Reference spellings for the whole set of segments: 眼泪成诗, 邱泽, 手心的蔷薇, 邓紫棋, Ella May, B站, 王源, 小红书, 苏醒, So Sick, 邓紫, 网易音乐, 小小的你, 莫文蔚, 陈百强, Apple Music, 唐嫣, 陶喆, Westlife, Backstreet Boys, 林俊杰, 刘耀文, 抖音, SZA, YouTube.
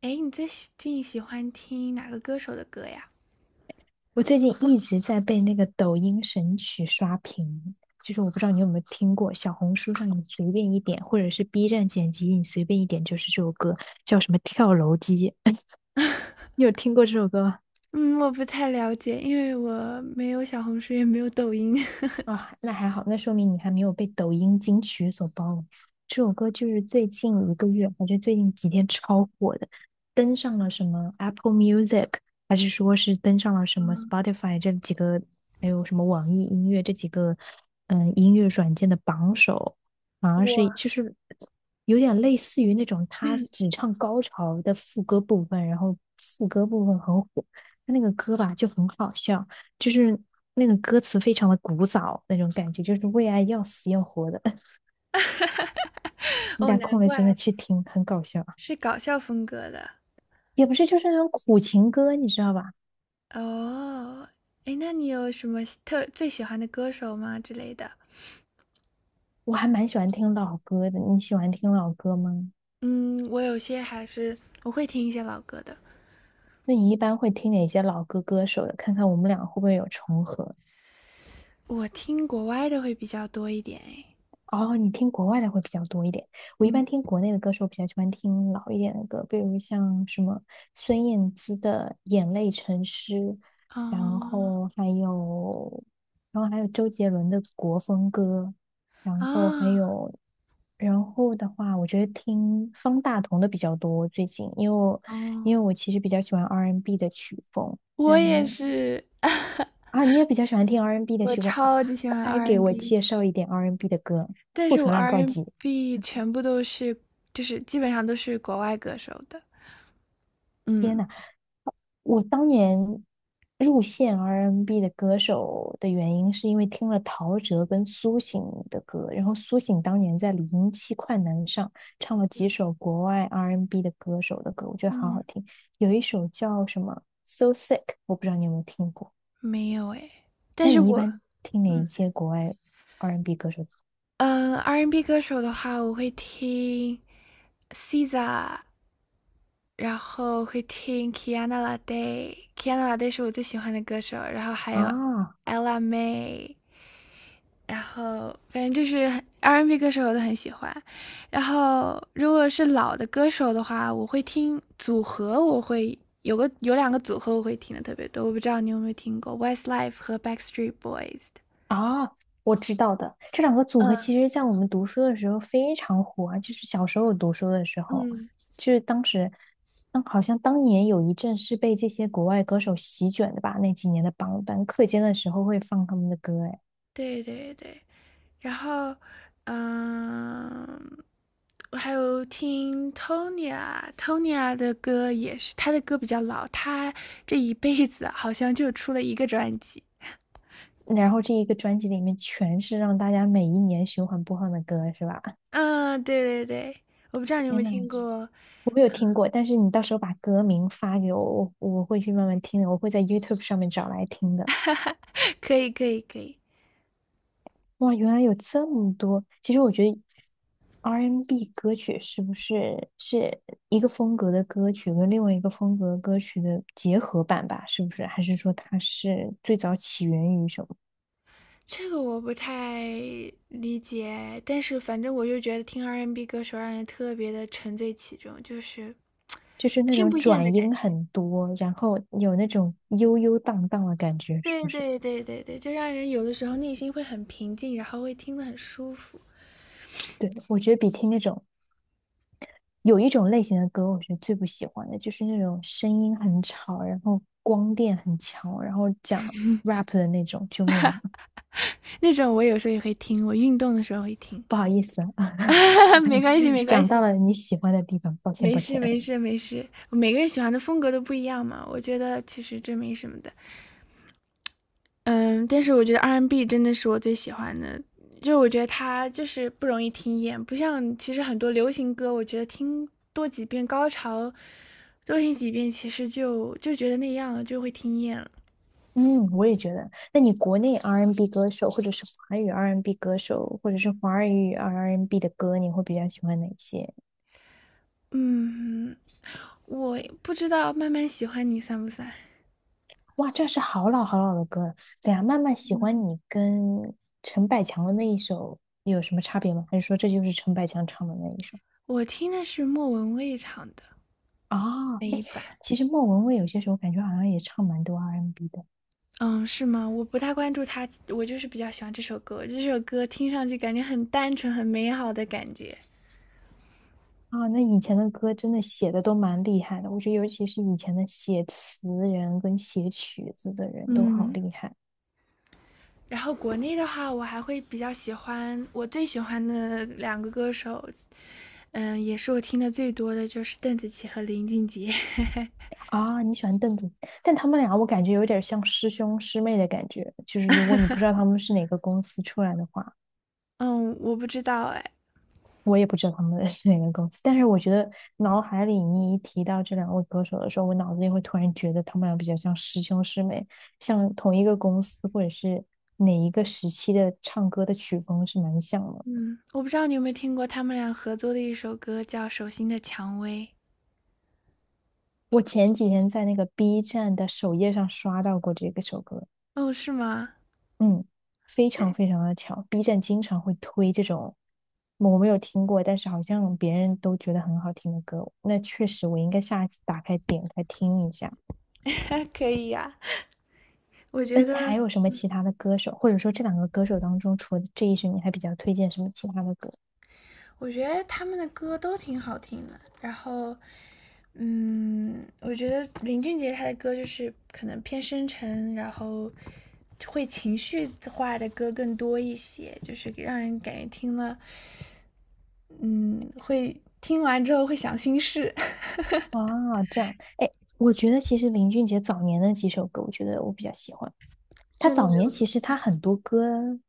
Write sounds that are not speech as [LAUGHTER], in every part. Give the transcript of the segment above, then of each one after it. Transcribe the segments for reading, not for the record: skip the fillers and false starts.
哎，你最近喜欢听哪个歌手的歌呀？我最近一直在被那个抖音神曲刷屏，就是我不知道你有没有听过，小红书上你随便一点，或者是 B 站剪辑你随便一点，就是这首歌叫什么《跳楼机》[LAUGHS]，你有听过这首歌吗？嗯，我不太了解，因为我没有小红书，也没有抖音。啊，那还好，那说明你还没有被抖音金曲所包围。这首歌就是最近一个月，还是最近几天超火的，登上了什么 Apple Music，还是说是登上了什么 Spotify 这几个，还有什么网易音乐这几个，音乐软件的榜首，反而是就是有点类似于那种他只唱高潮的副歌部分，然后副歌部分很火，他那个歌吧就很好笑。就是那个歌词非常的古早那种感觉，就是为爱要死要活的。[LAUGHS] [LAUGHS] 你哦，打难空了真的怪去听，很搞笑啊。是搞笑风格的。也不是，就是那种苦情歌，你知道吧？哦，哎，那你有什么喜特最喜欢的歌手吗之类的？我还蛮喜欢听老歌的。你喜欢听老歌吗？嗯，我有些还是我会听一些老歌的，那你一般会听哪些老歌歌手的？看看我们俩会不会有重合。我听国外的会比较多一点。哎，哦，你听国外的会比较多一点。我一嗯，般听国内的歌手，比较喜欢听老一点的歌，比如像什么孙燕姿的《眼泪成诗》，哦，然后还有，然后还有周杰伦的国风歌，然后还啊，有，然后的话，我觉得听方大同的比较多最近，因为我因哦，为我其实比较喜欢 R&B 的曲风，我然也后是，[LAUGHS] 啊，你也比较喜欢听 R&B N 的我曲风，哦超级喜欢 快给我 R&B and B。介绍一点 R&B N 的歌，但库是我存量 r 告 n 急！b 全部都是就是基本上都是国外歌手的。天嗯，呐，我当年入线 R&B N 的歌手的原因，是因为听了陶喆跟苏醒的歌，然后苏醒当年在零七快男上唱了几首国外 R&B N 的歌手的歌，我觉得好嗯。好嗯听，有一首叫什么《So Sick》，我不知道你有没有听过？没有诶。但那是你一我般听哪一嗯，些国外 R&B N 歌手的歌R&B 歌手的话，我会听 SZA。然后会听 Kiana Lade 是我最喜欢的歌手，然后还有 啊？Ella May，然后反正就是 R&B n 歌手我都很喜欢。然后如果是老的歌手的话，我会听组合，我会有两个组合我会听的特别多，我不知道你有没有听过 Westlife 和 Backstreet Boys 的。啊，我知道的，这两个组合嗯其实在我们读书的时候非常火，啊，就是小时候读书的时候，嗯，就是当时，好像当年有一阵是被这些国外歌手席卷的吧，那几年的榜单，课间的时候会放他们的歌，哎，对对对。然后，嗯，我还有听 Tonya 的歌也是，他的歌比较老，他这一辈子好像就出了一个专辑。然后这一个专辑里面全是让大家每一年循环播放的歌，是吧？嗯，对对对，我不知道你有没天有呐，听过，我没有听过，但是你到时候把歌名发给我，我会去慢慢听的，我会在 YouTube 上面找来听的。[LAUGHS] 哈哈，可以可以可以，哇，原来有这么多。其实我觉得 R&B N 歌曲是不是一个风格的歌曲跟另外一个风格的歌曲的结合版吧？是不是？还是说它是最早起源于什么？这个我不太理解，但是反正我就觉得听 R&B n 歌手让人特别的沉醉其中，就是就是那听种不厌的转感音觉。很多，然后有那种悠悠荡荡的感觉，是对不是？对对对对，就让人有的时候内心会很平静，然后会听得很舒服。对，我觉得比听那种有一种类型的歌，我是最不喜欢的，就是那种声音很吵，然后光电很强，然后讲 rap 的那种。救命啊！那种我有时候也会听，我运动的时候会听。不好意思，[LAUGHS] 没关系，没 [LAUGHS] 关讲到系，了你喜欢的地方，抱歉没抱事歉。没事没事。每个人喜欢的风格都不一样嘛，我觉得其实这没什么的。嗯，但是我觉得 R&B and B 真的是我最喜欢的，就我觉得它就是不容易听厌，不像其实很多流行歌，我觉得听多几遍高潮，多听几遍，其实就觉得那样了，就会听厌了。嗯，我也觉得。那你国内 R&B n 歌手，或者是华语 R&B n 歌手，或者是华语 R&B n 的歌，你会比较喜欢哪些？嗯，我不知道慢慢喜欢你算不算？哇，这是好老好老的歌了。对呀，慢慢喜欢你跟陈百强的那一首有什么差别吗？还是说这就是陈百强唱的那一首？我听的是莫文蔚唱的那啊、一版，其实莫文蔚有些时候感觉好像也唱蛮多 R&B n 的。嗯，是吗？我不太关注他，我就是比较喜欢这首歌。这首歌听上去感觉很单纯、很美好的感觉。啊，那以前的歌真的写的都蛮厉害的，我觉得尤其是以前的写词人跟写曲子的人都好嗯，厉害然后国内的话，我还会比较喜欢我最喜欢的两个歌手，也是我听的最多的就是邓紫棋和林俊杰 啊！你喜欢邓紫，但他们俩我感觉有点像师兄师妹的感觉，就是如果你不知道他们是哪个公司出来的话，[LAUGHS]。嗯，我不知道哎，我也不知道他们 [LAUGHS] 是哪个公司，但是我觉得脑海里你一提到这两位歌手的时候，我脑子里会突然觉得他们俩比较像师兄师妹，像同一个公司或者是哪一个时期的唱歌的曲风是蛮像的。嗯，我不知道你有没有听过他们俩合作的一首歌，叫《手心的蔷薇》。我前几天在那个 B 站的首页上刷到过这个首歌，哦，是吗？嗯，非常非常的巧。B 站经常会推这种我没有听过，但是好像别人都觉得很好听的歌。那确实，我应该下一次打开点开听一下。[LAUGHS] 可以呀、我那觉你得，还有什么其他的歌手，或者说这两个歌手当中，除了这一首，你还比较推荐什么其他的歌我觉得他们的歌都挺好听的。然后，我觉得林俊杰他的歌就是可能偏深沉，然后会情绪化的歌更多一些，就是让人感觉听了，嗯，会听完之后会想心事，[LAUGHS] 啊？这样，哎，我觉得其实林俊杰早年的几首歌，我觉得我比较喜欢。他就那早年种其实他很多歌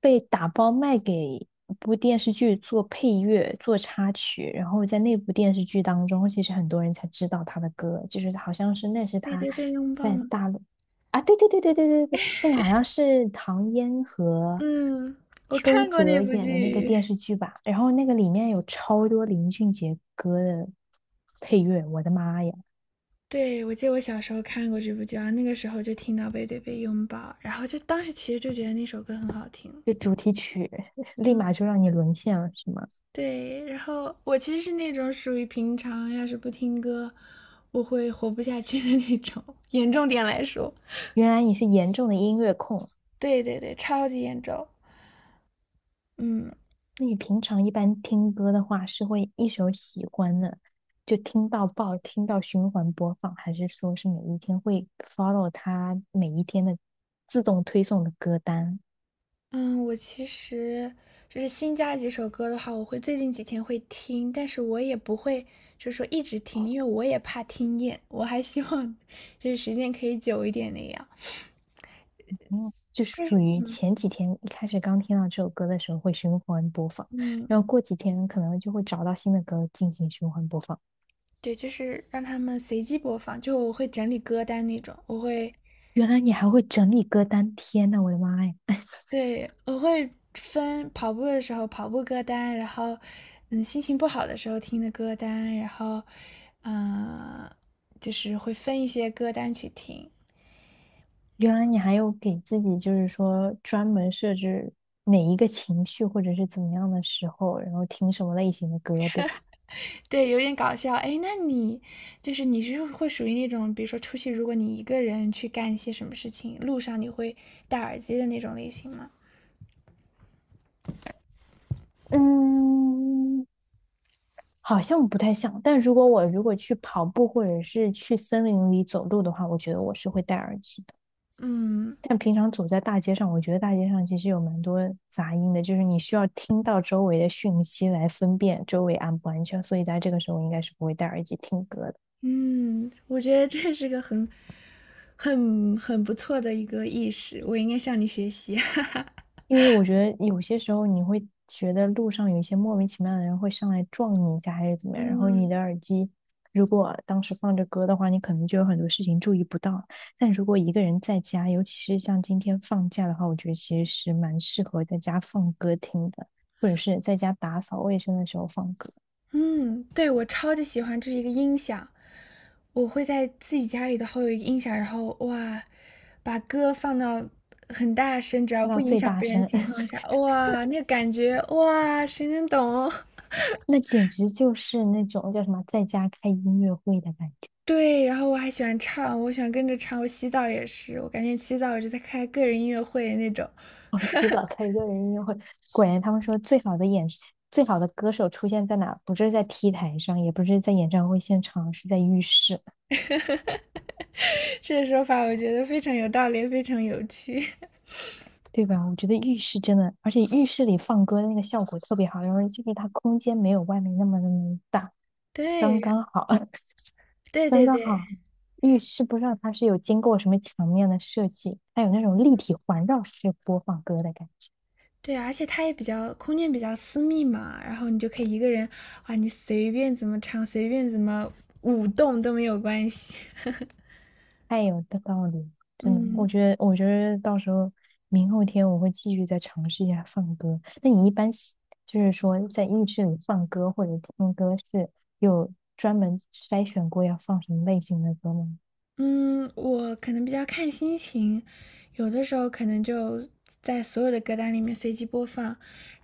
被打包卖给一部电视剧做配乐、做插曲，然后在那部电视剧当中，其实很多人才知道他的歌，就是好像是那是背他对背拥抱在嘛。大陆啊，对对对对对对对，那个好像是唐嫣和嗯，我邱看过那泽部演的那个剧。电视剧吧，然后那个里面有超多林俊杰歌的配乐，我的妈呀，对，我记得我小时候看过这部剧，啊，那个时候就听到背对背拥抱，然后就当时其实就觉得那首歌很好听。[LAUGHS] 立嗯，马就让你沦陷了，是吗？对。然后我其实是那种属于平常要是不听歌，我会活不下去的那种，严重点来说。原来你是严重的音乐控。对对对，超级严重。嗯那你平常一般听歌的话，是会一首喜欢的就听到爆，听到循环播放，还是说是每一天会 follow 它每一天的自动推送的歌单？嗯，我其实就是新加几首歌的话，我会最近几天会听，但是我也不会就是说一直听，因为我也怕听厌，我还希望就是时间可以久一点那样。嗯，就是但属是于前几天一开始刚听到这首歌的时候会循环播放，嗯，然后过几天可能就会找到新的歌进行循环播放。对，就是让他们随机播放，就我会整理歌单那种，原来你还会整理歌单，天呐，我的妈呀！对，我会分跑步的时候跑步歌单，然后，心情不好的时候听的歌单，然后，嗯、就是会分一些歌单去听。原来你还有给自己，就是说专门设置哪一个情绪或者是怎么样的时候，然后听什么类型的歌，对吧？对，有点搞笑。哎，那你就是你是会属于那种，比如说出去，如果你一个人去干一些什么事情，路上你会戴耳机的那种类型吗？嗯，好像不太像，但如果去跑步或者是去森林里走路的话，我觉得我是会戴耳机的。嗯。但平常走在大街上，我觉得大街上其实有蛮多杂音的，就是你需要听到周围的讯息来分辨周围安不安全，所以在这个时候应该是不会戴耳机听歌的。嗯，我觉得这是个很不错的一个意识，我应该向你学习。[LAUGHS] 因为我觉得有些时候你会觉得路上有一些莫名其妙的人会上来撞你一下，还是怎么样，然后你的嗯。耳机如果当时放着歌的话，你可能就有很多事情注意不到。但如果一个人在家，尤其是像今天放假的话，我觉得其实是蛮适合在家放歌听的，或者是在家打扫卫生的时候放歌，嗯，对，我超级喜欢这是一个音响，我会在自己家里的头有一个音响，然后哇，把歌放到很大声，只要开不到影最响大别人的声，情况下，[LAUGHS] 哇，那个感觉，哇，谁能懂哦那简直就是那种叫什么在家开音乐会的感觉。对，然后我还喜欢唱，我喜欢跟着唱，我洗澡也是，我感觉洗澡我就在开个人音乐会那种。我极早开始个人音乐会，果然他们说最好的歌手出现在哪？不是在 T 台上，也不是在演唱会现场，是在浴室，这个说法我觉得非常有道理，非常有趣。[LAUGHS] 对吧？我觉得浴室真的，而且浴室里放歌的那个效果特别好，因为就是它空间没有外面那么那么大，刚对，刚好，[LAUGHS] 对刚对刚对好。浴室不知道它是有经过什么墙面的设计，它有那种立体环绕式播放歌的感觉。对，而且它也比较空间比较私密嘛，然后你就可以一个人，哇，你随便怎么唱，随便怎么舞动都没有关系。[LAUGHS] 太有道理，真的，嗯我觉得，我觉得到时候明后天我会继续再尝试一下放歌。那你一般就是说在浴室里放歌或者听歌是有专门筛选过要放什么类型的歌吗？嗯，我可能比较看心情，有的时候可能就在所有的歌单里面随机播放，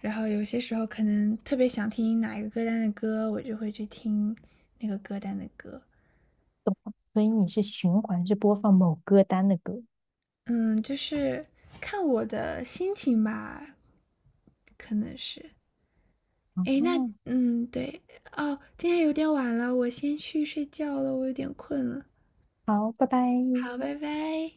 然后有些时候可能特别想听哪一个歌单的歌，我就会去听那个歌单的歌。所以你是循环是播放某歌单的歌。嗯，就是看我的心情吧，可能是。啊，诶，那对哦，今天有点晚了，我先去睡觉了，我有点困了。好，拜拜。好，拜拜。